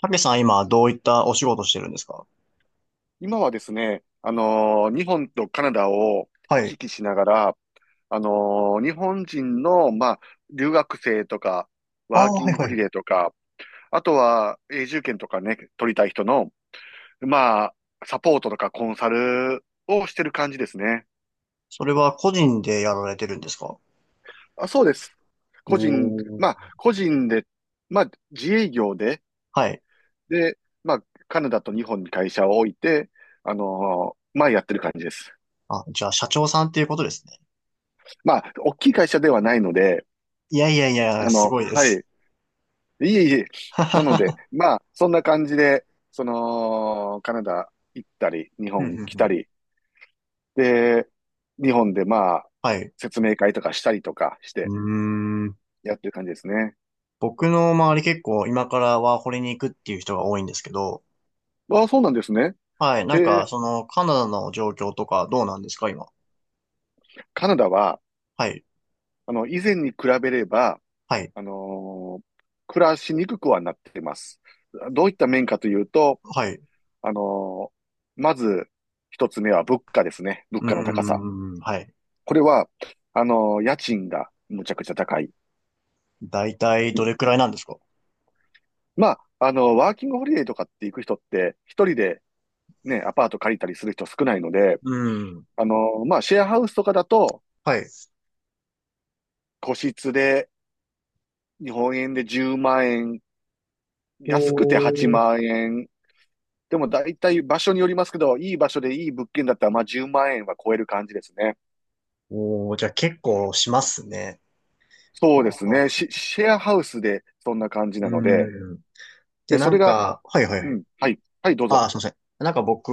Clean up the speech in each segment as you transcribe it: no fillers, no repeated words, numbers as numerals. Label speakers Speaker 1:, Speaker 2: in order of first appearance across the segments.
Speaker 1: たけさん、今どういったお仕事してるんですか？
Speaker 2: 今はですね、日本とカナダを
Speaker 1: は
Speaker 2: 行
Speaker 1: い。
Speaker 2: き来しながら、あの日本人の、まあ、留学生とか、
Speaker 1: あ
Speaker 2: ワー
Speaker 1: あ、
Speaker 2: キ
Speaker 1: は
Speaker 2: ン
Speaker 1: い
Speaker 2: グ
Speaker 1: は
Speaker 2: ホリ
Speaker 1: い。
Speaker 2: デーとか、あとは永住権とかね、取りたい人の、まあ、サポートとかコンサルをしてる感じですね。
Speaker 1: それは個人でやられてるんですか？
Speaker 2: あ、そうです。
Speaker 1: お
Speaker 2: 個人、
Speaker 1: ー。
Speaker 2: まあ、個人で、まあ、自営業で、
Speaker 1: はい。
Speaker 2: で、まあ、カナダと日本に会社を置いて、まあ、やってる感じです。
Speaker 1: あ、じゃあ社長さんっていうことですね。
Speaker 2: まあ、大きい会社ではないので、
Speaker 1: いやいやいや、すごいで
Speaker 2: は
Speaker 1: す。
Speaker 2: い。いえいえ。
Speaker 1: はは
Speaker 2: なので、
Speaker 1: は、
Speaker 2: まあ、そんな感じで、その、カナダ行ったり、日
Speaker 1: ふん
Speaker 2: 本
Speaker 1: ふん
Speaker 2: 来
Speaker 1: ふ
Speaker 2: た
Speaker 1: ん。
Speaker 2: り、で、日本でまあ、
Speaker 1: はい。
Speaker 2: 説明会とかしたりとかし
Speaker 1: う
Speaker 2: て、
Speaker 1: ーん。
Speaker 2: やってる感じですね。
Speaker 1: 僕の周り、結構今からワーホリに行くっていう人が多いんですけど、
Speaker 2: ああ、そうなんですね。
Speaker 1: はい。な
Speaker 2: へ
Speaker 1: んか、
Speaker 2: え、
Speaker 1: その、カナダの状況とかどうなんですか、今。
Speaker 2: カナダは、
Speaker 1: はい。
Speaker 2: 以前に比べれば、
Speaker 1: はい。
Speaker 2: あのー暮らしにくくはなっています。どういった面かというと、
Speaker 1: はい。う
Speaker 2: あのまず、一つ目は物価ですね。物
Speaker 1: ー
Speaker 2: 価の高さ。
Speaker 1: ん。はい。
Speaker 2: これは、あの、家賃がむちゃくちゃ高い。
Speaker 1: だいたい
Speaker 2: う
Speaker 1: ど
Speaker 2: ん
Speaker 1: れくらいなんですか？
Speaker 2: まあ、ワーキングホリデーとかって行く人って、一人でね、アパート借りたりする人少ないので、
Speaker 1: うーん。
Speaker 2: まあ、シェアハウスとかだと、
Speaker 1: はい。
Speaker 2: 個室で、日本円で10万円、
Speaker 1: お
Speaker 2: 安くて8
Speaker 1: ー、
Speaker 2: 万円。でも大体場所によりますけど、いい場所でいい物件だったら、まあ、10万円は超える感じですね。
Speaker 1: おー、じゃあ結構しますね。
Speaker 2: そ
Speaker 1: は
Speaker 2: う
Speaker 1: あ
Speaker 2: で
Speaker 1: は
Speaker 2: す
Speaker 1: あは
Speaker 2: ね。シ、
Speaker 1: あ、
Speaker 2: シェアハウスでそんな感じなので、
Speaker 1: うん。で、
Speaker 2: で、
Speaker 1: な
Speaker 2: それ
Speaker 1: ん
Speaker 2: が、
Speaker 1: か、はいはいは
Speaker 2: う
Speaker 1: い。
Speaker 2: ん、はい、はい、どう
Speaker 1: あ
Speaker 2: ぞ。
Speaker 1: あ、すいません。なんか僕、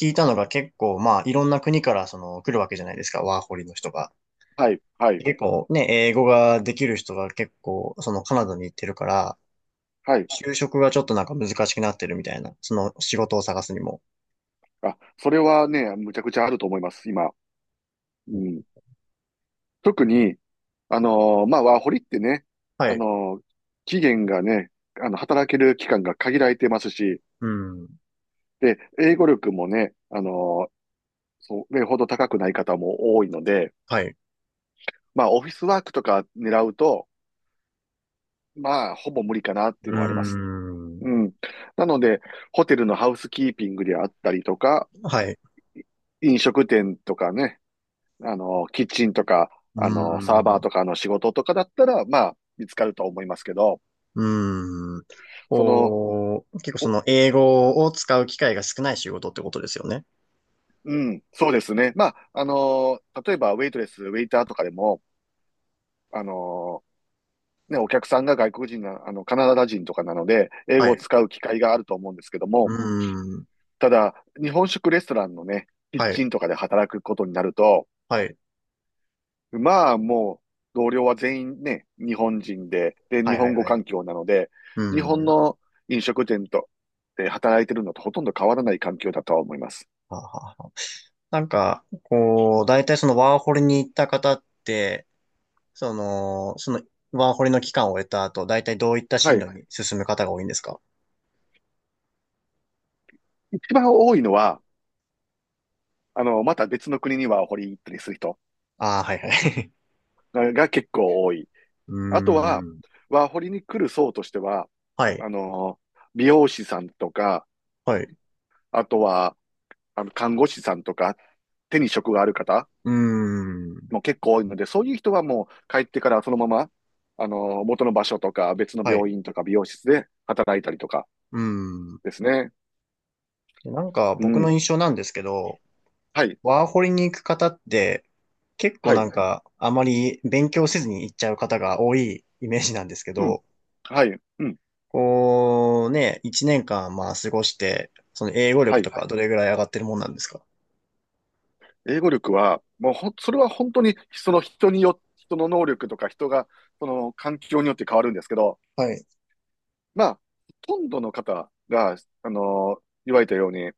Speaker 1: 聞いたのが結構、まあ、いろんな国からその来るわけじゃないですか、ワーホリの人が。
Speaker 2: はい、はい、
Speaker 1: 結構ね、英語ができる人が結構、そのカナダに行ってるから、
Speaker 2: はい。
Speaker 1: 就職がちょっとなんか難しくなってるみたいな、その仕事を探すにも。
Speaker 2: あ、それはね、むちゃくちゃあると思います、今。う
Speaker 1: うん、
Speaker 2: ん。特に、まあ、ワーホリってね、
Speaker 1: は
Speaker 2: あ
Speaker 1: い。
Speaker 2: のー期限がね、働ける期間が限られてますし、
Speaker 1: うん。
Speaker 2: で、英語力もね、ーそれほど高くない方も多いので、
Speaker 1: はい。
Speaker 2: まあ、オフィスワークとか狙うと、まあ、ほぼ無理かなって
Speaker 1: う
Speaker 2: いう
Speaker 1: ー
Speaker 2: のはあります。
Speaker 1: ん。
Speaker 2: うん。なので、ホテルのハウスキーピングであったりとか、
Speaker 1: はい。
Speaker 2: 飲食店とかね、キッチンとか、
Speaker 1: う
Speaker 2: サーバ
Speaker 1: ー
Speaker 2: ー
Speaker 1: ん。
Speaker 2: とかの仕事とかだったら、まあ、見つかると思いますけど、
Speaker 1: うーん。
Speaker 2: その、
Speaker 1: こう、結構そ
Speaker 2: ほ
Speaker 1: の英語を使う機会が少ない仕事ってことですよね。
Speaker 2: うん、そうですね。まあ、例えば、ウェイトレス、ウェイターとかでも、あの、ね、お客さんが外国人な、カナダ人とかなので、英
Speaker 1: は
Speaker 2: 語を
Speaker 1: い。
Speaker 2: 使う機会があると思うんですけど
Speaker 1: う
Speaker 2: も、
Speaker 1: ーん。
Speaker 2: ただ、日本食レストランのね、キッ
Speaker 1: はい。
Speaker 2: チンとかで働くことになると、
Speaker 1: はい。
Speaker 2: まあ、もう、同僚は全員ね、日本人で、で、
Speaker 1: は
Speaker 2: 日
Speaker 1: いは
Speaker 2: 本
Speaker 1: い
Speaker 2: 語
Speaker 1: はい。
Speaker 2: 環境なので、
Speaker 1: う
Speaker 2: 日本
Speaker 1: ーん。
Speaker 2: の飲食店と、で、働いてるのとほとんど変わらない環境だとは思います。
Speaker 1: はあはあはあ、なんか、こう、大体そのワーホリに行った方って、その、そのワーホリの期間を終えた後、大体どういった
Speaker 2: は
Speaker 1: 進路
Speaker 2: い。
Speaker 1: に進む方が多いんですか？
Speaker 2: 一番多いのは、また別の国にワーホリ行ったりする人
Speaker 1: ああー、はいはい。
Speaker 2: が結構多い。
Speaker 1: う
Speaker 2: あとは、
Speaker 1: ーん。
Speaker 2: ワーホリに来る層としては、
Speaker 1: は
Speaker 2: あ
Speaker 1: い。
Speaker 2: の、美容師さんとか、
Speaker 1: はい。
Speaker 2: あとは、看護師さんとか、手に職がある方
Speaker 1: うーん。
Speaker 2: も結構多いので、そういう人はもう帰ってからそのまま、元の場所とか別の
Speaker 1: はい。
Speaker 2: 病院とか美容室で働いたりとか
Speaker 1: うーん。
Speaker 2: ですね。
Speaker 1: でなんか
Speaker 2: う
Speaker 1: 僕の
Speaker 2: ん。
Speaker 1: 印象なんですけど、
Speaker 2: はい。
Speaker 1: ワーホリに行く方って、結構
Speaker 2: は
Speaker 1: な
Speaker 2: い。
Speaker 1: んか、あまり勉強せずに行っちゃう方が多いイメージなんですけ
Speaker 2: うん。
Speaker 1: ど、
Speaker 2: はい。うん。
Speaker 1: こうね、一年間まあ過ごして、その英語
Speaker 2: は
Speaker 1: 力と
Speaker 2: い。
Speaker 1: かどれぐらい上がってるもんなんですか？
Speaker 2: 英語力は、もうほん、それは本当にその人によ、人の能力とか人が、その環境によって変わるんですけど、
Speaker 1: はい。
Speaker 2: まあ、ほとんどの方が、言われたように、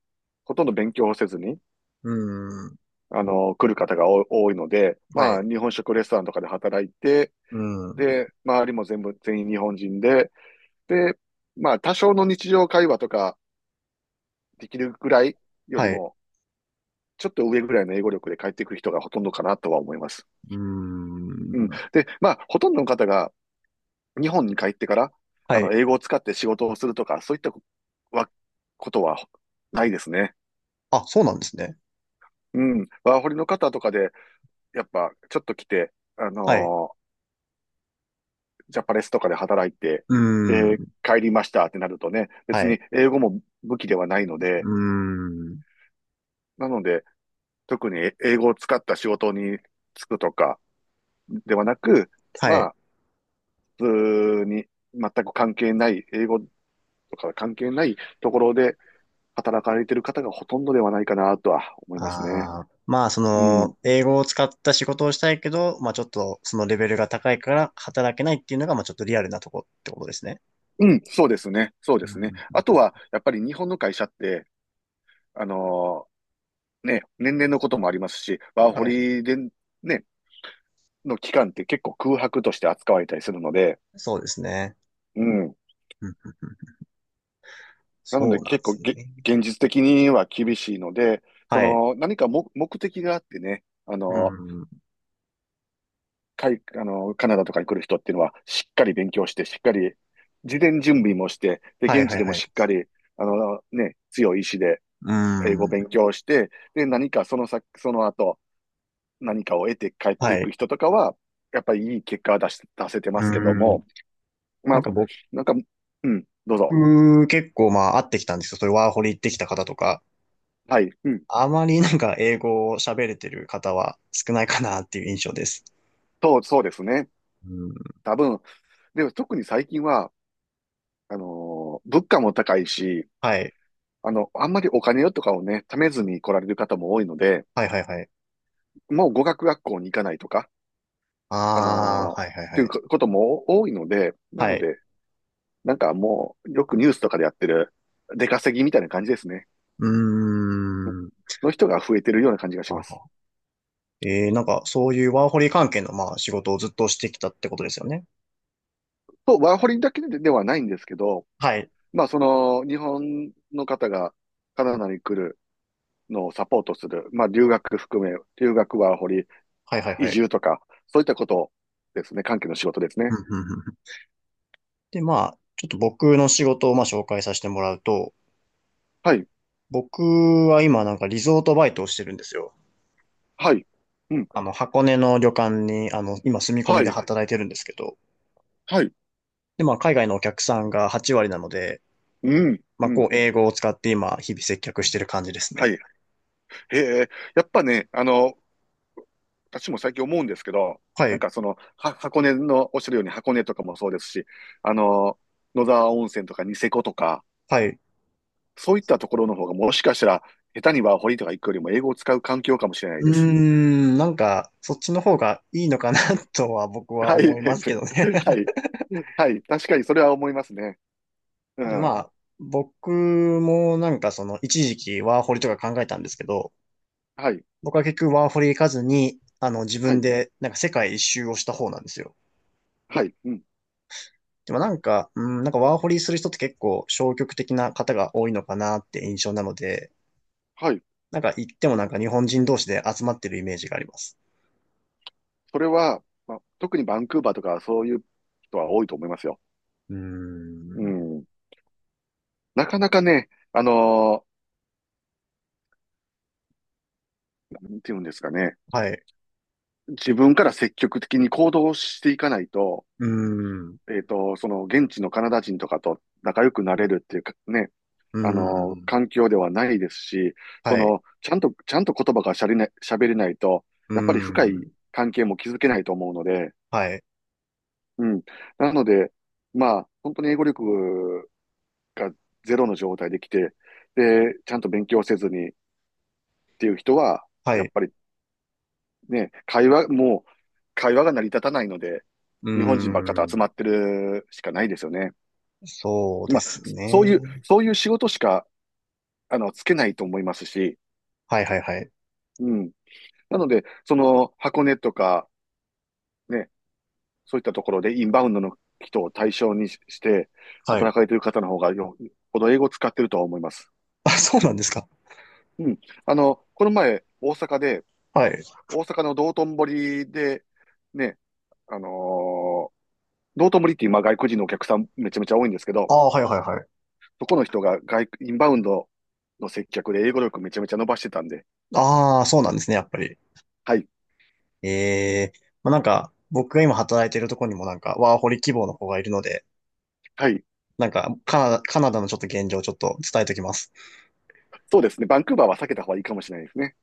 Speaker 2: ほとんど勉強をせずに、
Speaker 1: うーん。
Speaker 2: 来る方がお多いので、
Speaker 1: は
Speaker 2: ま
Speaker 1: い。
Speaker 2: あ、日本食レストランとかで働いて、
Speaker 1: うーん。
Speaker 2: で、周りも全部、全員日本人で、で、まあ、多少の日常会話とかできるぐらいより
Speaker 1: はい。う
Speaker 2: も、ちょっと上ぐらいの英語力で帰ってくる人がほとんどかなとは思います。
Speaker 1: ー
Speaker 2: うん。
Speaker 1: ん。
Speaker 2: で、まあ、ほとんどの方が日本に帰ってから、
Speaker 1: はい。
Speaker 2: 英語を使って仕事をするとか、そういったはことはないですね。
Speaker 1: あ、そうなんですね。
Speaker 2: うん。ワーホリの方とかで、やっぱ、ちょっと来て、
Speaker 1: はい。
Speaker 2: ジャパレスとかで働いて、
Speaker 1: うー
Speaker 2: で、
Speaker 1: ん。
Speaker 2: 帰りましたってなるとね、
Speaker 1: は
Speaker 2: 別
Speaker 1: い。
Speaker 2: に英語も武器ではないの
Speaker 1: う
Speaker 2: で、
Speaker 1: ーん。
Speaker 2: なので、特に英語を使った仕事に就くとかではなく、
Speaker 1: は
Speaker 2: ま
Speaker 1: い。
Speaker 2: あ、普通に全く関係ない、英語とか関係ないところで働かれている方がほとんどではないかなとは思いますね。
Speaker 1: ああ、まあ、そ
Speaker 2: うん。
Speaker 1: の、英語を使った仕事をしたいけど、まあ、ちょっと、そのレベルが高いから働けないっていうのが、まあ、ちょっとリアルなとこってことですね。
Speaker 2: うん、そうですね。そう
Speaker 1: う
Speaker 2: ですね。
Speaker 1: ん。
Speaker 2: あとは、やっぱり日本の会社って、あのね、年齢のこともありますし、ワーホ
Speaker 1: はい。
Speaker 2: リで、ね、の期間って結構空白として扱われたりするので、
Speaker 1: そうですね。
Speaker 2: うん。
Speaker 1: うんうんうん、
Speaker 2: なの
Speaker 1: そ
Speaker 2: で
Speaker 1: うなんで
Speaker 2: 結構
Speaker 1: す
Speaker 2: げ、
Speaker 1: ね。
Speaker 2: 現実的には厳しいので、そ
Speaker 1: はい。
Speaker 2: の何か目的があってね、あ
Speaker 1: う
Speaker 2: の、
Speaker 1: ん。
Speaker 2: かい、あの、カナダとかに来る人っていうのはしっかり勉強して、しっかり事前準備もして、で、
Speaker 1: はい
Speaker 2: 現
Speaker 1: は
Speaker 2: 地
Speaker 1: い
Speaker 2: でも
Speaker 1: はい。
Speaker 2: しっかり、ね、強い意志で
Speaker 1: う
Speaker 2: 英語を勉
Speaker 1: ん。
Speaker 2: 強して、で、何かその先、その後、何かを得て帰って
Speaker 1: は
Speaker 2: いく
Speaker 1: い。
Speaker 2: 人とかは、やっぱりいい結果は出し、出せてま
Speaker 1: う
Speaker 2: すけど
Speaker 1: ん。
Speaker 2: も、ま
Speaker 1: な
Speaker 2: あ、
Speaker 1: んか僕、
Speaker 2: なんか、うん、どうぞ。
Speaker 1: 結構まあ、会ってきたんですよ。そういうワーホリ行ってきた方とか、
Speaker 2: はい、うん、
Speaker 1: あまりなんか英語を喋れてる方は少ないかなっていう印象です。
Speaker 2: そうですね。
Speaker 1: うん。
Speaker 2: 多分、でも特に最近は、物価も高いし、
Speaker 1: はい。
Speaker 2: あんまりお金とかをね、貯めずに来られる方も多いので、
Speaker 1: はいはいはい。
Speaker 2: もう語学学校に行かないとか、あ
Speaker 1: あ
Speaker 2: の
Speaker 1: あ、は
Speaker 2: っ
Speaker 1: いはい
Speaker 2: てい
Speaker 1: は
Speaker 2: う
Speaker 1: い。
Speaker 2: ことも多いので、な
Speaker 1: は
Speaker 2: の
Speaker 1: い。
Speaker 2: で、なんかもう、よくニュースとかでやってる、出稼ぎみたいな感じですね。
Speaker 1: うーん。
Speaker 2: の人が増えてるような感じが
Speaker 1: あ
Speaker 2: します。
Speaker 1: は。えー、なんか、そういうワーホリ関係の、まあ、仕事をずっとしてきたってことですよね。
Speaker 2: ワーホリだけではないんですけど、
Speaker 1: はい。
Speaker 2: まあ、その、日本の方がカナダに来るのをサポートする、まあ、留学含め、留学ワーホリ、
Speaker 1: はいはい
Speaker 2: 移
Speaker 1: はい。
Speaker 2: 住とか、そういったことですね、関係の仕事です
Speaker 1: うん
Speaker 2: ね。
Speaker 1: うんうんうん、で、まあ、ちょっと僕の仕事を、まあ、紹介させてもらうと、
Speaker 2: はい。
Speaker 1: 僕は今、なんか、リゾートバイトをしてるんですよ。
Speaker 2: はい。うん。
Speaker 1: あの、箱根の旅館に、あの、今、住み込
Speaker 2: は
Speaker 1: みで
Speaker 2: い。
Speaker 1: 働いてるんですけど、
Speaker 2: はい。
Speaker 1: で、まあ、海外のお客さんが8割なので、
Speaker 2: うん。
Speaker 1: まあ、
Speaker 2: うん。
Speaker 1: こう、英語を使って今、日々接客してる感じです
Speaker 2: は
Speaker 1: ね。
Speaker 2: い。へえ。やっぱね、私も最近思うんですけど、
Speaker 1: は
Speaker 2: なん
Speaker 1: い。
Speaker 2: かその、箱根の、おっしゃるように箱根とかもそうですし、あの、野沢温泉とかニセコとか、
Speaker 1: はい。
Speaker 2: そういったところの方がもしかしたら、下手にワーホリとか行くよりも英語を使う環境かもしれない
Speaker 1: う
Speaker 2: で
Speaker 1: ー
Speaker 2: す。
Speaker 1: ん、なんか、そっちの方がいいのかな とは僕は
Speaker 2: は
Speaker 1: 思
Speaker 2: い。
Speaker 1: いますけどね。
Speaker 2: はい。はい。確かにそれは思いますね。う
Speaker 1: で、ま
Speaker 2: ん。
Speaker 1: あ、僕もなんかその、一時期ワーホリとか考えたんですけど、
Speaker 2: はい。
Speaker 1: 僕は結局ワーホリ行かずに、あの、自
Speaker 2: は
Speaker 1: 分
Speaker 2: い。
Speaker 1: でなんか世界一周をした方なんですよ。
Speaker 2: はい。うん。
Speaker 1: でもなんか、うん、なんかワーホリする人って結構消極的な方が多いのかなって印象なので、
Speaker 2: はい。
Speaker 1: なんか行ってもなんか日本人同士で集まってるイメージがあります。
Speaker 2: それは、まあ、特にバンクーバーとかそういう人は多いと思いますよ。
Speaker 1: うー
Speaker 2: う
Speaker 1: ん、
Speaker 2: ん。なかなかね、なんていうんですかね、
Speaker 1: はい、
Speaker 2: 自分から積極的に行動していかないと、
Speaker 1: うーん、
Speaker 2: えっと、その現地のカナダ人とかと仲良くなれるっていうかね、
Speaker 1: うーん、
Speaker 2: 環境ではないですし、そ
Speaker 1: はい、
Speaker 2: の、ちゃんと、ちゃんと言葉がしゃれない、喋れないと、
Speaker 1: うー
Speaker 2: やっぱり深い
Speaker 1: ん。
Speaker 2: 関係も築けないと思うので、
Speaker 1: はい。
Speaker 2: うん。なので、まあ、本当に英語力がゼロの状態で来て、で、ちゃんと勉強せずにっていう人は、
Speaker 1: は
Speaker 2: やっ
Speaker 1: い。
Speaker 2: ぱりね、もう会話が成り立たないので、
Speaker 1: うー
Speaker 2: 日本人ばっかと集
Speaker 1: ん。
Speaker 2: まってるしかないですよね。
Speaker 1: そうで
Speaker 2: まあ、
Speaker 1: す
Speaker 2: そういう、
Speaker 1: ね。
Speaker 2: そういう仕事しか、つけないと思いますし、
Speaker 1: はいはいはい。
Speaker 2: うん。なので、その、箱根とか、ね、そういったところでインバウンドの人を対象にして、
Speaker 1: はい。
Speaker 2: 働かれてる方の方ほど英語を使ってるとは思います。
Speaker 1: あ、そうなんですか。
Speaker 2: うん。この前、大阪で、
Speaker 1: はい。
Speaker 2: 大阪の道頓堀で、ね、あのー道頓堀って今外国人のお客さんめちゃめちゃ多いんですけど、
Speaker 1: ああ、はいはいはい。
Speaker 2: そこの人がインバウンドの接客で英語力めちゃめちゃ伸ばしてたんで、
Speaker 1: ああ、そうなんですね、やっぱり。
Speaker 2: はい、
Speaker 1: ええ、まあ、なんか、僕が今働いてるとこにもなんか、ワーホリ希望の子がいるので、
Speaker 2: はい、
Speaker 1: なんか、カナダ、カナダのちょっと現状をちょっと伝えときます。
Speaker 2: そうですね、バンクーバーは避けた方がいいかもしれないですね。